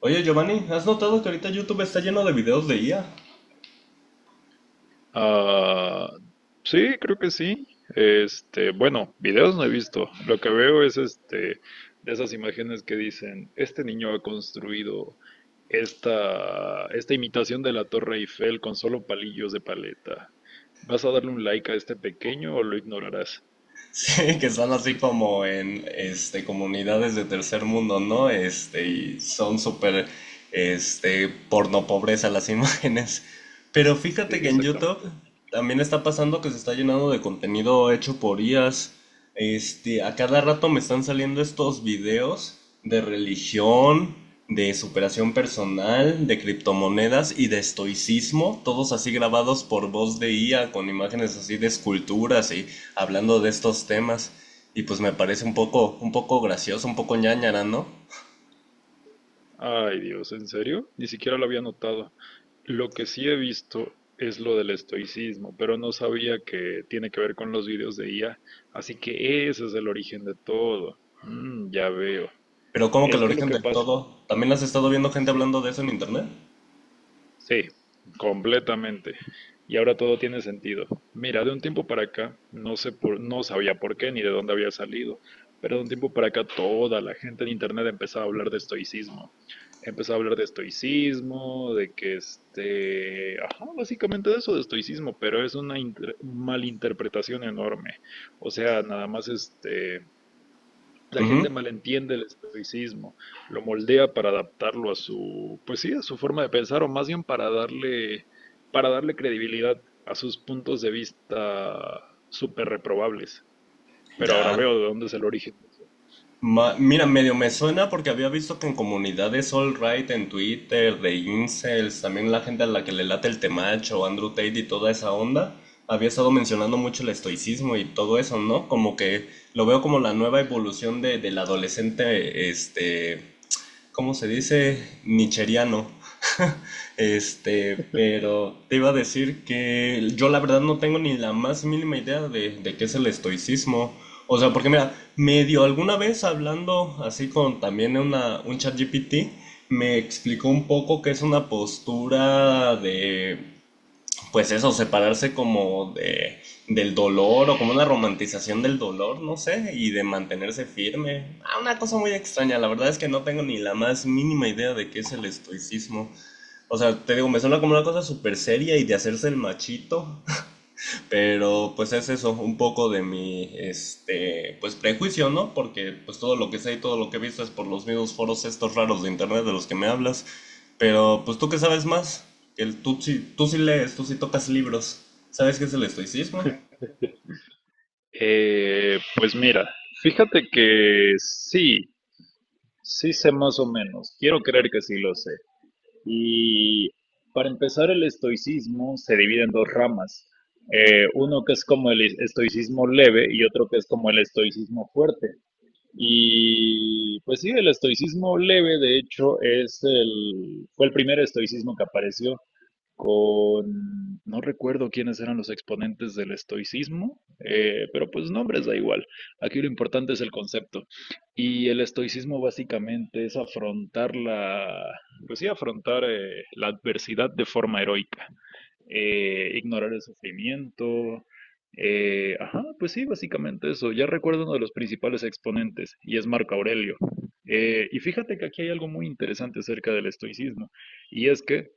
Oye, Giovanni, ¿has notado que ahorita YouTube está lleno de videos de IA? Ah, sí, creo que sí. Bueno, videos no he visto. Lo que veo es de esas imágenes que dicen, este niño ha construido esta imitación de la Torre Eiffel con solo palillos de paleta. ¿Vas a darle un like a este pequeño o lo ignorarás? Sí, que están así como en comunidades de tercer mundo, ¿no? Y son súper porno pobreza las imágenes. Pero Sí, fíjate que en YouTube exactamente. también está pasando que se está llenando de contenido hecho por IAs. A cada rato me están saliendo estos videos de religión, de superación personal, de criptomonedas y de estoicismo, todos así grabados por voz de IA, con imágenes así de esculturas y hablando de estos temas. Y pues me parece un poco gracioso, un poco ñañara, ¿no? Ay, Dios, ¿en serio? Ni siquiera lo había notado. Lo que sí he visto es lo del estoicismo, pero no sabía que tiene que ver con los vídeos de IA, así que ese es el origen de todo. Mm, ya veo. Pero como que el Es que lo origen que del pasa, todo, ¿también has estado viendo gente sí, hablando de eso en internet? sí, completamente. Y ahora todo tiene sentido. Mira, de un tiempo para acá, no sabía por qué ni de dónde había salido, pero de un tiempo para acá toda la gente en internet empezaba a hablar de estoicismo. Empezó a hablar de estoicismo, de que ajá, básicamente de eso de estoicismo, pero es una malinterpretación enorme. O sea, nada más la Ujú. gente malentiende el estoicismo, lo moldea para adaptarlo a su, pues sí, a su forma de pensar, o más bien para darle credibilidad a sus puntos de vista súper reprobables. Pero ahora Ya. veo de dónde es el origen. Mira, medio me suena porque había visto que en comunidades All Right, en Twitter, de incels, también la gente a la que le late el temacho, Andrew Tate y toda esa onda, había estado mencionando mucho el estoicismo y todo eso, ¿no? Como que lo veo como la nueva evolución del adolescente, ¿cómo se dice? Nicheriano. Pero te iba a decir que yo la verdad no tengo ni la más mínima idea de qué es el estoicismo. O sea, porque mira, medio alguna vez hablando así con también un chat GPT, me explicó un poco que es una postura de pues eso, separarse del dolor o como una romantización del dolor, no sé, y de mantenerse firme. Ah, una cosa muy extraña, la verdad es que no tengo ni la más mínima idea de qué es el estoicismo. O sea, te digo, me suena como una cosa súper seria y de hacerse el machito, pero pues es eso, un poco de mi pues prejuicio, ¿no? Porque pues todo lo que sé y todo lo que he visto es por los mismos foros estos raros de internet de los que me hablas. Pero pues ¿tú qué sabes más? Tú, sí, tú sí lees, tú sí tocas libros. ¿Sabes qué es el estoicismo? Pues mira, fíjate que sí, sí sé más o menos. Quiero creer que sí lo sé. Y para empezar, el estoicismo se divide en dos ramas. Uno que es como el estoicismo leve y otro que es como el estoicismo fuerte. Y pues sí, el estoicismo leve, de hecho, fue el primer estoicismo que apareció con, no recuerdo quiénes eran los exponentes del estoicismo, pero pues nombres da igual. Aquí lo importante es el concepto. Y el estoicismo básicamente es pues sí, afrontar la adversidad de forma heroica, ignorar el sufrimiento. Ajá, pues sí, básicamente eso. Ya recuerdo uno de los principales exponentes y es Marco Aurelio. Y fíjate que aquí hay algo muy interesante acerca del estoicismo, y es que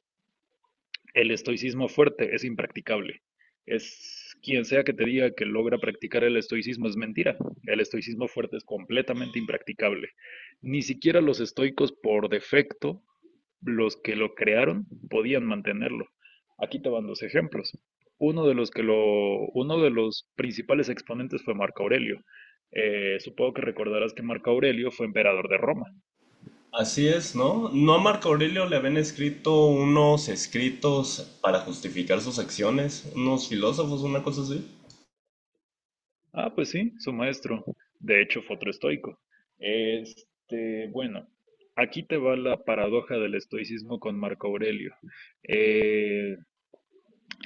el estoicismo fuerte es impracticable. Es quien sea que te diga que logra practicar el estoicismo es mentira. El estoicismo fuerte es completamente impracticable. Ni siquiera los estoicos por defecto, los que lo crearon, podían mantenerlo. Aquí te van dos ejemplos. Uno de los principales exponentes fue Marco Aurelio. Supongo que recordarás que Marco Aurelio fue emperador de Roma. Así es, ¿no? ¿No a Marco Aurelio le habían escrito unos escritos para justificar sus acciones? ¿Unos filósofos, una cosa así? Ah, pues sí, su maestro. De hecho, fue otro estoico. Bueno, aquí te va la paradoja del estoicismo con Marco Aurelio. Eh,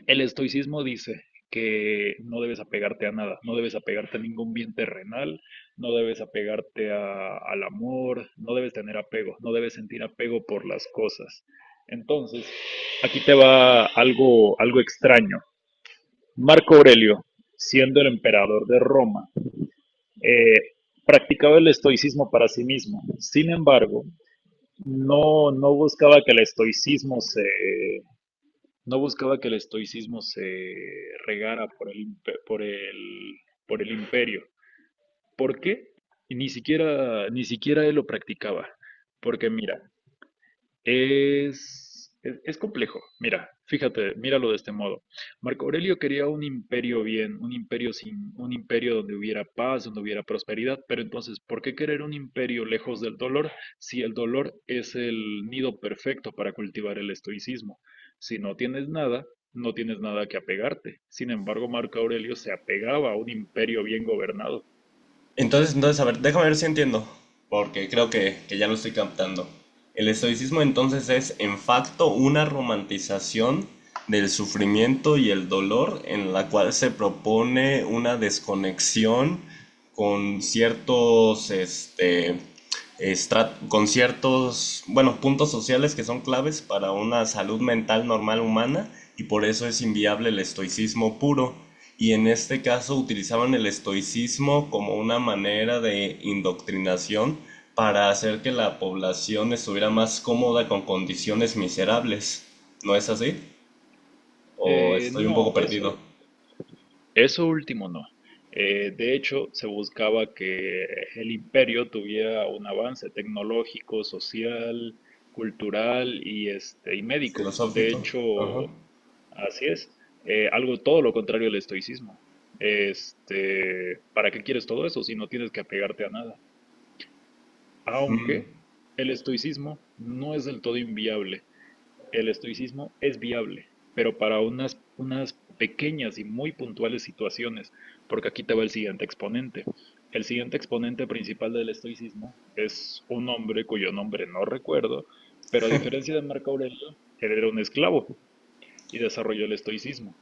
el estoicismo dice que no debes apegarte a nada, no debes apegarte a ningún bien terrenal, no debes al amor, no debes tener apego, no debes sentir apego por las cosas. Entonces, aquí te va algo, algo extraño. Marco Aurelio, siendo el emperador de Roma, eh, practicaba el estoicismo para sí mismo. Sin embargo, no buscaba que no buscaba que el estoicismo se regara por el imperio. ¿Por qué? Y ni siquiera, ni siquiera él lo practicaba. Porque mira, es complejo. Mira, fíjate, míralo de este modo. Marco Aurelio quería un imperio sin, un imperio donde hubiera paz, donde hubiera prosperidad, pero entonces, ¿por qué querer un imperio lejos del dolor si el dolor es el nido perfecto para cultivar el estoicismo? Si no tienes nada, no tienes nada que apegarte. Sin embargo, Marco Aurelio se apegaba a un imperio bien gobernado. Entonces, a ver, déjame ver si entiendo, porque creo que ya lo estoy captando. El estoicismo entonces es, en facto, una romantización del sufrimiento y el dolor en la cual se propone una desconexión con ciertos, con ciertos, bueno, puntos sociales que son claves para una salud mental normal humana, y por eso es inviable el estoicismo puro. Y en este caso utilizaban el estoicismo como una manera de indoctrinación para hacer que la población estuviera más cómoda con condiciones miserables. ¿No es así? ¿O Eh, estoy un poco no, eso, perdido? Eso último no. De hecho, se buscaba que el imperio tuviera un avance tecnológico, social, cultural y, y médico. De Filosófico. hecho, Ajá. así es. Algo todo lo contrario del estoicismo. ¿Para qué quieres todo eso si no tienes que apegarte a nada? Mm. Aunque el estoicismo no es del todo inviable. El estoicismo es viable, pero para unas pequeñas y muy puntuales situaciones, porque aquí te va el siguiente exponente. El siguiente exponente principal del estoicismo es un hombre cuyo nombre no recuerdo, pero a diferencia de Marco Aurelio, él era un esclavo y desarrolló el estoicismo.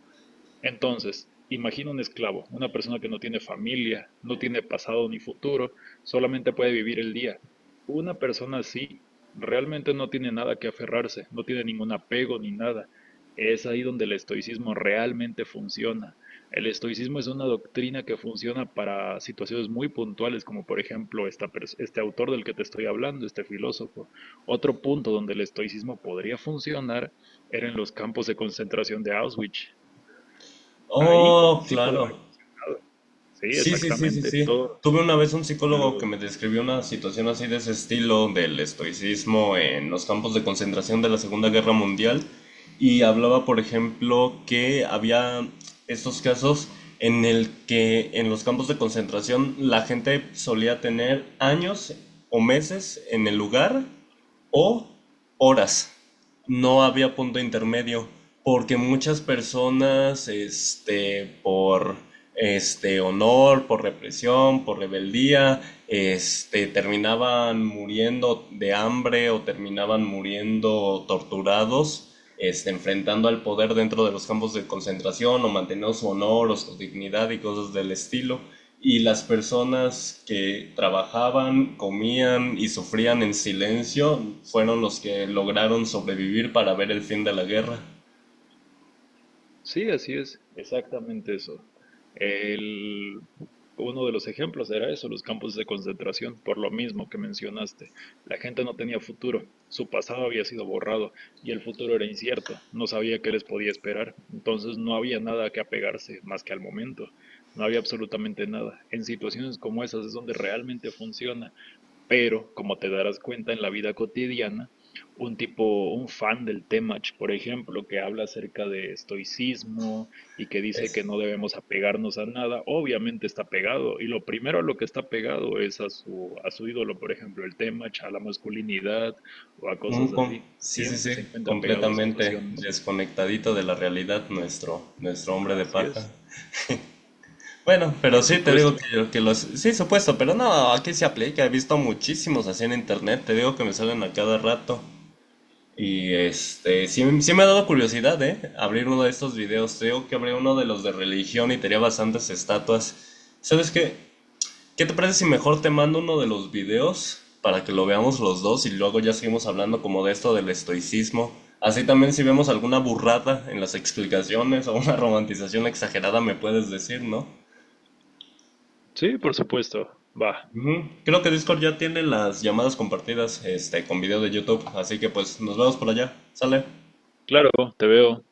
Entonces, imagina un esclavo, una persona que no tiene familia, no tiene pasado ni futuro, solamente puede vivir el día. Una persona así realmente no tiene nada que aferrarse, no tiene ningún apego ni nada. Es ahí donde el estoicismo realmente funciona. El estoicismo es una doctrina que funciona para situaciones muy puntuales, como por ejemplo este autor del que te estoy hablando, este filósofo. Otro punto donde el estoicismo podría funcionar era en los campos de concentración de Auschwitz. Ahí Oh, sí pudo haber claro. estado. Sí, Sí, sí, sí, sí, exactamente. sí. Todo Tuve una vez un psicólogo que lo... me describió una situación así de ese estilo del estoicismo en los campos de concentración de la Segunda Guerra Mundial y hablaba, por ejemplo, que había estos casos en el que en los campos de concentración la gente solía tener años o meses en el lugar o horas, no había punto intermedio, porque muchas personas, por este honor, por represión, por rebeldía, terminaban muriendo de hambre o terminaban muriendo torturados, enfrentando al poder dentro de los campos de concentración o manteniendo su honor o su dignidad y cosas del estilo, y las personas que trabajaban, comían y sufrían en silencio fueron los que lograron sobrevivir para ver el fin de la guerra. Sí, así es. Exactamente eso. El... Uno de los ejemplos era eso, los campos de concentración, por lo mismo que mencionaste. La gente no tenía futuro, su pasado había sido borrado y el futuro era incierto, no sabía qué les podía esperar, entonces no había nada a que apegarse más que al momento, no había absolutamente nada. En situaciones como esas es donde realmente funciona. Pero, como te darás cuenta en la vida cotidiana, un tipo, un fan del Temach, por ejemplo, que habla acerca de estoicismo y que dice Es que no debemos apegarnos a nada, obviamente está pegado. Y lo primero a lo que está pegado es a su ídolo, por ejemplo, el Temach, a la masculinidad o a cosas así. sí, sí, Siempre sí, se encuentra pegado a completamente situaciones. desconectadito de la realidad nuestro hombre de Así paja. es. Bueno, pero Por sí, te supuesto. digo que los... Sí, supuesto, pero no, aquí se aplica. He visto muchísimos así en internet. Te digo que me salen a cada rato. Y sí, sí me ha dado curiosidad, ¿eh? Abrir uno de estos videos. Tengo que abrir uno de los de religión y tenía bastantes estatuas. ¿Sabes qué? ¿Qué te parece si mejor te mando uno de los videos para que lo veamos los dos y luego ya seguimos hablando como de esto del estoicismo? Así también si vemos alguna burrada en las explicaciones o una romantización exagerada me puedes decir, ¿no? Sí, por supuesto. Va. Ujú. Creo que Discord ya tiene las llamadas compartidas, con video de YouTube, así que pues nos vemos por allá. ¿Sale? Claro, te veo.